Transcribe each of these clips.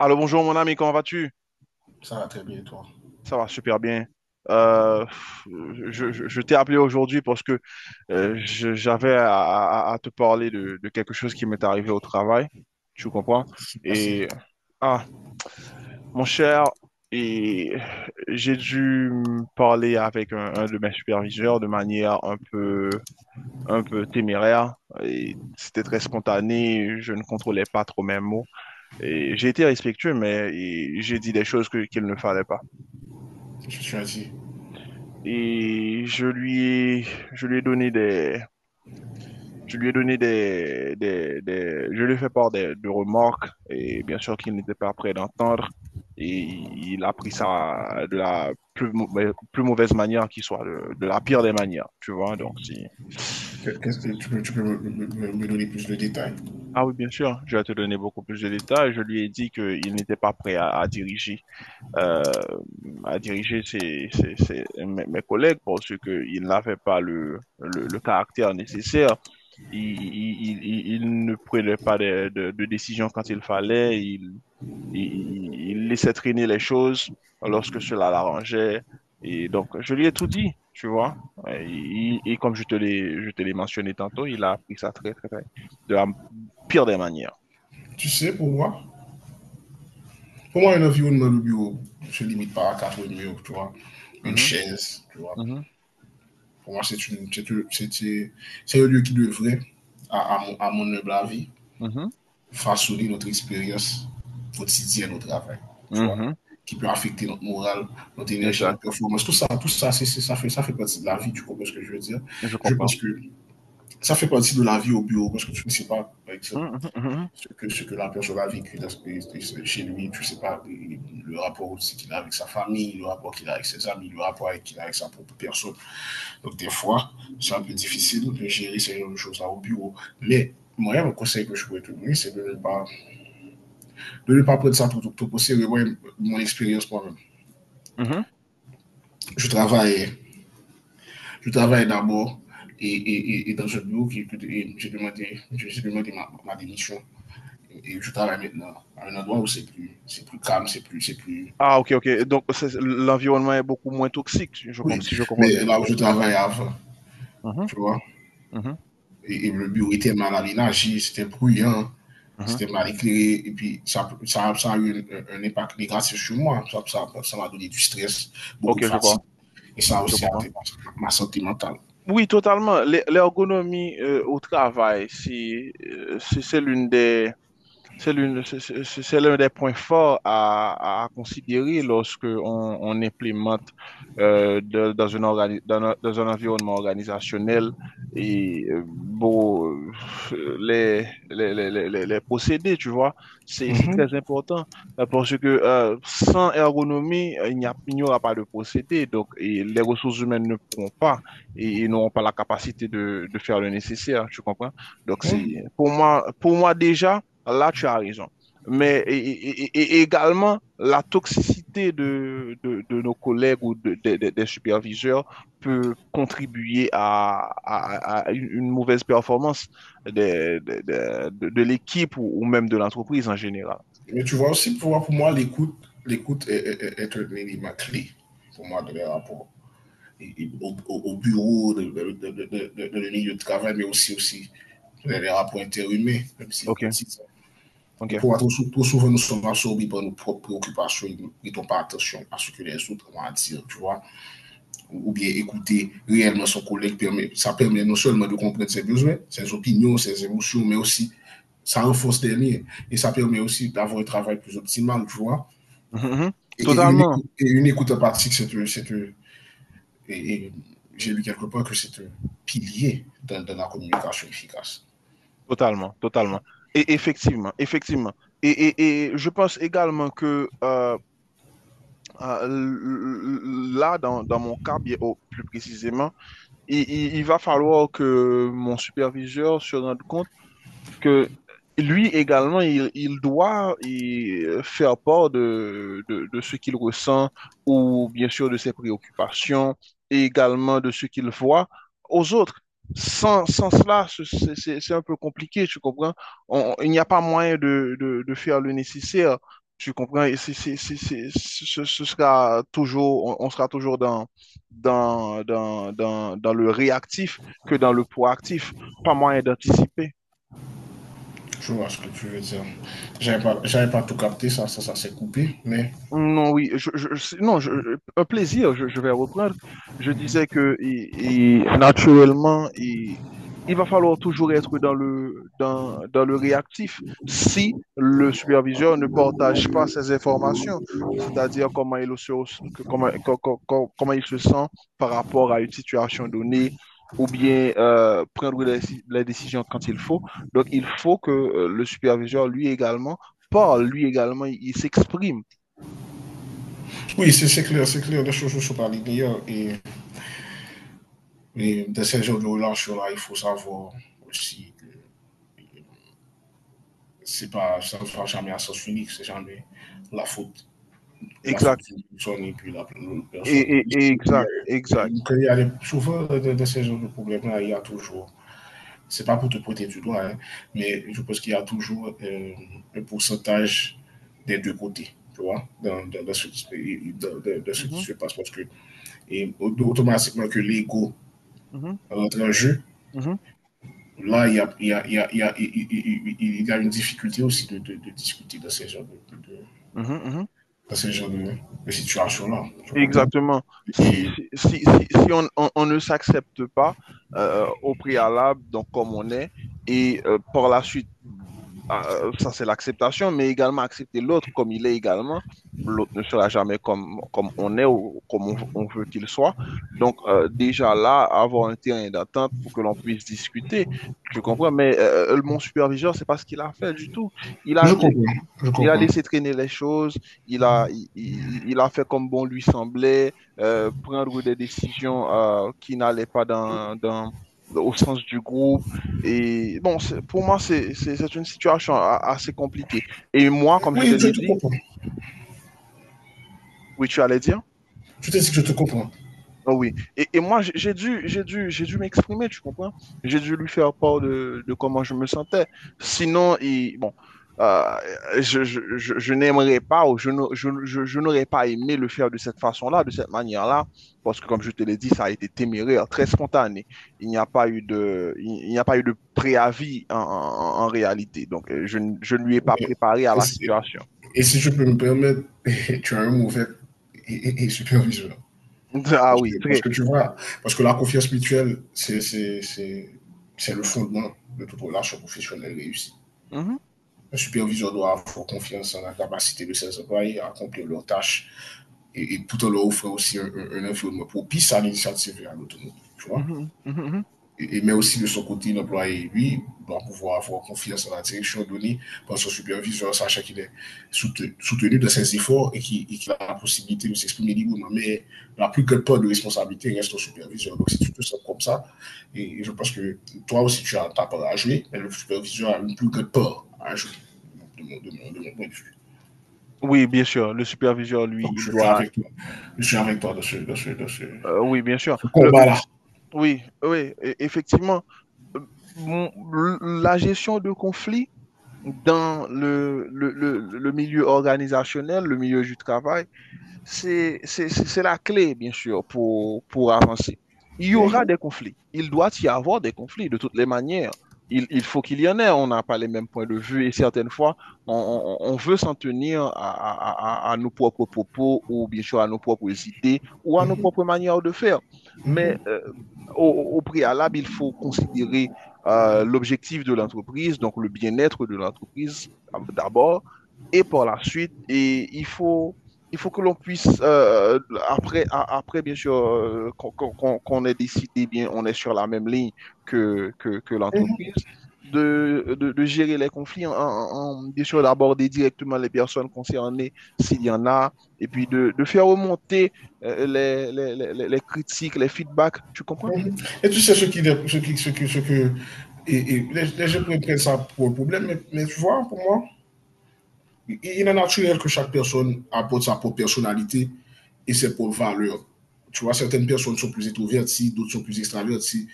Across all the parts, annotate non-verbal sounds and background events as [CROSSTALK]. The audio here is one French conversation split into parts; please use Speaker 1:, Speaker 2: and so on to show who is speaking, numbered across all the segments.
Speaker 1: Alors bonjour mon ami, comment vas-tu?
Speaker 2: Ça va très bien, et toi.
Speaker 1: Ça va super bien. Euh, je t'ai appelé aujourd'hui parce que j'avais à te parler de quelque chose qui m'est arrivé au travail, tu comprends?
Speaker 2: Merci.
Speaker 1: Et ah, mon cher, et j'ai dû me parler avec un de mes superviseurs de manière un peu téméraire et c'était très spontané, je ne contrôlais pas trop mes mots et j'ai été respectueux mais et j'ai dit des choses que qu'il ne fallait pas.
Speaker 2: Je suis assis.
Speaker 1: Et je lui ai donné des, je lui ai donné je lui ai fait part de remarques et bien sûr qu'il n'était pas prêt d'entendre et il a pris ça de la plus mauvaise manière qui soit, de la pire des manières, tu vois, donc si...
Speaker 2: Qu'est-ce que tu peux me donner plus de détails.
Speaker 1: Ah oui, bien sûr, je vais te donner beaucoup plus de détails. Je lui ai dit qu'il n'était pas prêt euh, à diriger mes, mes collègues parce qu'il n'avait pas le caractère nécessaire. Il, il, il, il- Ne prenait pas de décision quand il fallait. Il, il- laissait traîner les choses lorsque cela l'arrangeait. Et donc, je lui ai tout dit, tu vois. Et, et comme je je te l'ai mentionné tantôt, il a appris ça très, de la pire des manières.
Speaker 2: Tu sais, pour moi, un environnement de bureau se limite pas à quatre murs, tu vois, une
Speaker 1: Mhm.
Speaker 2: chaise, tu vois.
Speaker 1: mhm,
Speaker 2: Pour moi, c'est une, c'est une- c'est un lieu qui devrait, à mon humble avis,
Speaker 1: mhm,
Speaker 2: façonner notre expérience quotidienne au travail, tu vois,
Speaker 1: mhm.
Speaker 2: qui peut affecter notre morale, notre énergie,
Speaker 1: Exact,
Speaker 2: notre performance, tout ça, ça fait partie de la vie, tu comprends ce que je veux dire?
Speaker 1: je
Speaker 2: Je pense
Speaker 1: comprends.
Speaker 2: que ça fait partie de la vie au bureau parce que tu ne sais pas, par exemple,
Speaker 1: Mhm, mhm, mhm.
Speaker 2: ce que la personne a vécu dans ce, chez lui, tu ne sais pas le rapport aussi qu'il a avec sa famille, le rapport qu'il a avec ses amis, le rapport qu'il a avec sa propre personne. Donc, des fois, c'est un peu difficile de gérer ces choses-là au bureau. Mais moi, le conseil que je pourrais te donner, c'est de ne pas prendre ça pour tout possible. Moi, mon expérience, moi-même,
Speaker 1: Mhm.
Speaker 2: je travaille, je travaille d'abord et dans un bureau, qui, et j'ai demandé, j'ai demandé ma démission. Et je travaille maintenant à un endroit où c'est plus calme, c'est plus, c'est plus,
Speaker 1: Ah, ok, ok.
Speaker 2: c'est-
Speaker 1: Donc,
Speaker 2: plus
Speaker 1: c'est- l'environnement est beaucoup moins toxique,
Speaker 2: oui.
Speaker 1: si je comprends
Speaker 2: Mais
Speaker 1: bien.
Speaker 2: là où je travaillais avant,
Speaker 1: Mhm,
Speaker 2: tu vois,
Speaker 1: mhm,
Speaker 2: et le bureau était mal aménagé, c'était bruyant,
Speaker 1: mhm.
Speaker 2: c'était mal éclairé, et puis ça a eu un impact négatif sur moi. Ça m'a donné du stress, beaucoup de
Speaker 1: Ok, je
Speaker 2: fatigue,
Speaker 1: vois,
Speaker 2: et ça a
Speaker 1: je
Speaker 2: aussi a atteint
Speaker 1: comprends.
Speaker 2: ma santé mentale.
Speaker 1: Oui, totalement. L'ergonomie au travail, si, si c'est l'une des, c'est l'une, c'est l'un des points forts à considérer lorsque on implémente dans une un dans un environnement organisationnel et bon, euh, les, les procédés, tu vois, c'est
Speaker 2: Mhm,
Speaker 1: très important parce que sans ergonomie, il n'y a, il n'y aura pas de procédé. Donc, et les ressources humaines ne pourront pas et, et n'auront pas la capacité de faire le nécessaire, tu comprends? Donc,
Speaker 2: mhm.
Speaker 1: c'est pour moi déjà. Là, tu as raison. Mais et également, la toxicité de nos collègues ou des superviseurs peut contribuer à, à une mauvaise performance de l'équipe ou même de l'entreprise en général.
Speaker 2: Mais tu vois aussi, pour moi, l'écoute, l'écoute est un élément clé pour moi de les rapports au, au bureau, de lieu de travail, mais aussi, aussi les rapports interhumains, même si vous
Speaker 1: OK,
Speaker 2: continuez. Et
Speaker 1: OK.
Speaker 2: pour
Speaker 1: [LAUGHS]
Speaker 2: trop, trop souvent, nous sommes absorbés par nos propres préoccupations et nous ne prêtons pas attention à ce que les autres vont dire, tu vois. Ou bien écouter réellement son collègue, permet, ça permet non seulement de comprendre ses besoins, ses opinions, ses émotions, mais aussi ça renforce les liens et ça permet aussi d'avoir un travail plus optimal, tu vois.
Speaker 1: Mhm, mhm. Totalement.
Speaker 2: Et une écoute empathique, c'est et j'ai lu quelque part que c'est un pilier dans, dans la communication efficace.
Speaker 1: Totalement, totalement. Et effectivement, effectivement. Et je pense également que là, dans mon cas, bien, oh, plus précisément, il va falloir que mon superviseur se rende compte que lui également, il, faire part de ce qu'il ressent ou bien sûr de ses préoccupations et également de ce qu'il voit aux autres. Sans cela, c'est un peu compliqué, tu comprends? On- il n'y a pas moyen de faire le nécessaire, tu comprends? Et ce sera toujours, on sera toujours dans le réactif que dans le proactif, pas moyen d'anticiper.
Speaker 2: Je vois ce que tu veux dire. J'avais pas tout capté, ça s'est coupé. Mais
Speaker 1: Non, oui, non, je- un plaisir, je vais reprendre. Je disais que et naturellement, et, il va falloir toujours être dans le, dans le réactif si le superviseur ne partage pas ces informations, c'est-à-dire comment il se, que- comment, co- co- co- comment il se sent par rapport à une situation donnée ou bien prendre les décisions quand il faut. Donc, il faut que le superviseur, lui également, parle, lui également, il s'exprime.
Speaker 2: oui, c'est clair, c'est clair, les choses ne sont pas linéaires. Et dans ces jeux de relation-là, il faut savoir aussi que c'est pas, ça ne va jamais à sens unique, c'est jamais la faute la faute
Speaker 1: Exact.
Speaker 2: d'une personne et puis la
Speaker 1: Et,
Speaker 2: personne.
Speaker 1: et- et
Speaker 2: Il y
Speaker 1: exact,
Speaker 2: a-
Speaker 1: exact.
Speaker 2: Quand des- souvent dans ces genres de problèmes-là, il y a toujours c'est pas pour te pointer du doigt, hein, mais je pense qu'il y a toujours un pourcentage des deux côtés, tu vois, dans ce qui
Speaker 1: Mhm,
Speaker 2: se passe. Parce que et, automatiquement que l'ego
Speaker 1: mhm,
Speaker 2: rentre en jeu,
Speaker 1: mhm,
Speaker 2: là, il y a, il y a- il y a- il y a- il- y a une difficulté aussi de discuter dans ces genres de
Speaker 1: mhm, mhm.
Speaker 2: dans ces genres de situations-là. Je comprends.
Speaker 1: Exactement.
Speaker 2: Et,
Speaker 1: Si on, on ne s'accepte pas au préalable, donc comme on est, et par la suite, ça c'est l'acceptation, mais également accepter l'autre comme il est également. L'autre ne sera jamais comme, comme on est ou comme on veut qu'il soit. Donc déjà là, avoir un terrain d'attente pour que l'on puisse discuter. Je comprends, mais mon superviseur, c'est pas ce qu'il a fait du tout. Il
Speaker 2: je
Speaker 1: a
Speaker 2: comprends. Je
Speaker 1: il a
Speaker 2: comprends.
Speaker 1: laissé traîner les choses, il a fait comme bon lui semblait, prendre des décisions qui n'allaient pas au sens du groupe. Et bon, pour moi, c'est une situation assez compliquée. Et moi, comme je te
Speaker 2: Oui, je
Speaker 1: l'ai
Speaker 2: te
Speaker 1: dit,
Speaker 2: comprends.
Speaker 1: oui, tu allais dire.
Speaker 2: Je te dis que je te comprends.
Speaker 1: Ah oui. Et moi, j'ai dû m'exprimer, tu comprends? J'ai dû lui faire part de comment je me sentais. Sinon, il, bon, euh, je n'aimerais pas ou je n'aurais pas aimé le faire de cette façon-là, de cette manière-là, parce que comme je te l'ai dit, ça a été téméraire, très spontané. Il n'y a pas eu de, il n'y a pas eu de préavis en réalité. Donc, je ne lui ai pas
Speaker 2: Oui.
Speaker 1: préparé à la
Speaker 2: Et
Speaker 1: situation.
Speaker 2: Et si je peux me permettre, [LAUGHS] tu as un mauvais et superviseur.
Speaker 1: [LAUGHS] Ah oui,
Speaker 2: Parce
Speaker 1: très.
Speaker 2: que tu vois, parce que la confiance mutuelle, c'est le fondement de toute relation professionnelle réussie.
Speaker 1: Mhm,
Speaker 2: Un superviseur doit avoir confiance en la capacité de ses employés à accomplir leurs tâches et tout en leur offrant aussi un environnement propice à l'initiative et à l'autonomie. Tu vois?
Speaker 1: mhm, mhm, mhm.
Speaker 2: Et mais aussi de son côté, l'employé, lui, doit pouvoir avoir confiance en la direction donnée par son superviseur, sachant qu'il est soutenu dans ses efforts et qu'il et a la possibilité de s'exprimer librement. Mais la plus grande part de responsabilité reste au superviseur. Donc, si tu te sens comme ça, et je pense que toi aussi, tu as ta part à jouer, mais le superviseur a une plus grande part à jouer, de mon point de vue.
Speaker 1: Oui, bien sûr, le superviseur, lui,
Speaker 2: Donc,
Speaker 1: il
Speaker 2: je suis
Speaker 1: doit...
Speaker 2: avec toi. Je suis avec toi
Speaker 1: oui, bien
Speaker 2: dans
Speaker 1: sûr.
Speaker 2: ce combat-là.
Speaker 1: Oui, oui, effectivement. Euh, La gestion de conflits dans le milieu organisationnel, le milieu du travail, c'est la clé, bien sûr, pour avancer. Il y aura des conflits. Il doit y avoir des conflits de toutes les manières. Il faut qu'il y en ait. On n'a pas les mêmes points de vue et certaines fois, on, on veut s'en tenir à, à nos propres propos ou bien sûr à nos propres idées ou à nos propres manières de faire. Mais au, au préalable, il faut considérer l'objectif de l'entreprise, donc le bien-être de l'entreprise d'abord et par la suite. Et il faut que l'on puisse, après, après, bien sûr, qu'on ait décidé, bien, on est sur la même ligne que l'entreprise, de gérer les conflits, bien sûr, d'aborder directement les personnes concernées, s'il y en a, et puis de faire remonter les critiques, les feedbacks, tu comprends?
Speaker 2: Et tu sais ce qui, ce qui, ce qui, ce que, et les gens pourraient prendre ça pour le problème, mais tu vois, pour moi, il est naturel que chaque personne apporte sa propre personnalité et ses propres valeurs. Tu vois, certaines personnes sont plus introverties, d'autres sont plus extraverties,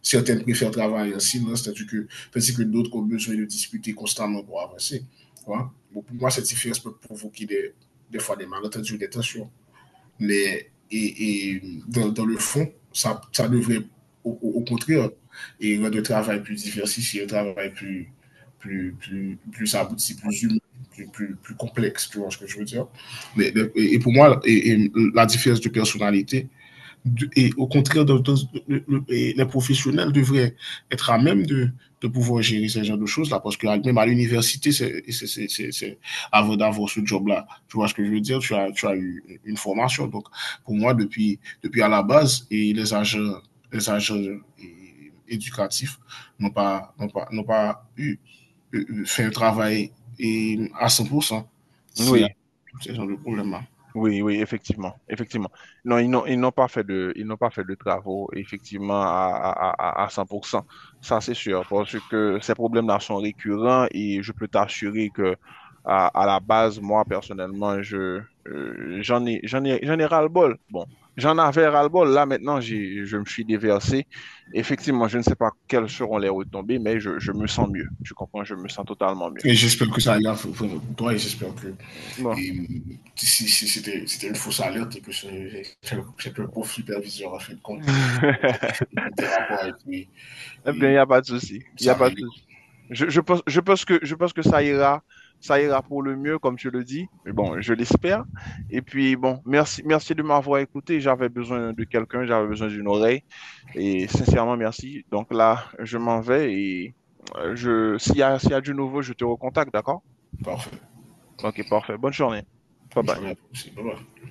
Speaker 2: certaines préfèrent travailler en silence, tandis que d'autres ont besoin de discuter constamment pour avancer. Tu vois. Bon, pour moi, cette différence peut provoquer des fois des malentendus ou des tensions mais et dans, dans, le fond, ça devrait au, au, contraire et rendre le travail plus diversifié, un travail plus, plus, plus, plus abouti, plus humain. Plus, plus, plus, complexe, tu vois ce que je veux dire. Mais, et, pour moi, et la différence de personnalité, et au contraire, les professionnels devraient être à même de pouvoir gérer ce genre de choses-là, parce que même à l'université, avant d'avoir ce job-là, tu vois ce que je veux dire, tu as eu une formation. Donc, pour moi, depuis à la base, les agents éducatifs n'ont pas eu, fait un travail et à 100% s'il y a
Speaker 1: Oui.
Speaker 2: ce genre de problème-là.
Speaker 1: Oui, oui, effectivement, effectivement. Non, ils n'ont pas fait de, ils n'ont pas fait de travaux, effectivement, à 100%. Ça, c'est sûr, parce que ces problèmes-là sont récurrents et je peux t'assurer que, à la base, moi, personnellement, j'en ai ras-le-bol. Bon, j'en avais ras-le-bol. Là, maintenant, j'ai, je me suis déversé. Effectivement, je ne sais pas quelles seront les retombées, mais je me sens mieux. Tu comprends? Je me sens totalement mieux.
Speaker 2: Et j'espère que ça ira pour toi et j'espère que
Speaker 1: Bon.
Speaker 2: et si c'était c'était une fausse alerte et que ce- c'est le c'est que le pauvre superviseur, en fin de compte,
Speaker 1: [LAUGHS]
Speaker 2: était rapport et puis
Speaker 1: Eh bien, il n'y
Speaker 2: et
Speaker 1: a pas de souci. Il n'y a
Speaker 2: ça
Speaker 1: pas de
Speaker 2: améliore.
Speaker 1: souci. Je pense que ça ira pour le mieux, comme tu le dis. Mais bon, je l'espère. Et puis, bon, merci, merci de m'avoir écouté. J'avais besoin de quelqu'un, j'avais besoin d'une oreille. Et sincèrement, merci. Donc là, je m'en vais et s'il y a du nouveau, je te recontacte, d'accord?
Speaker 2: Parfait.
Speaker 1: Ok, parfait. Bonne journée. Bye
Speaker 2: Je
Speaker 1: bye.
Speaker 2: journée à tous. Bye bye.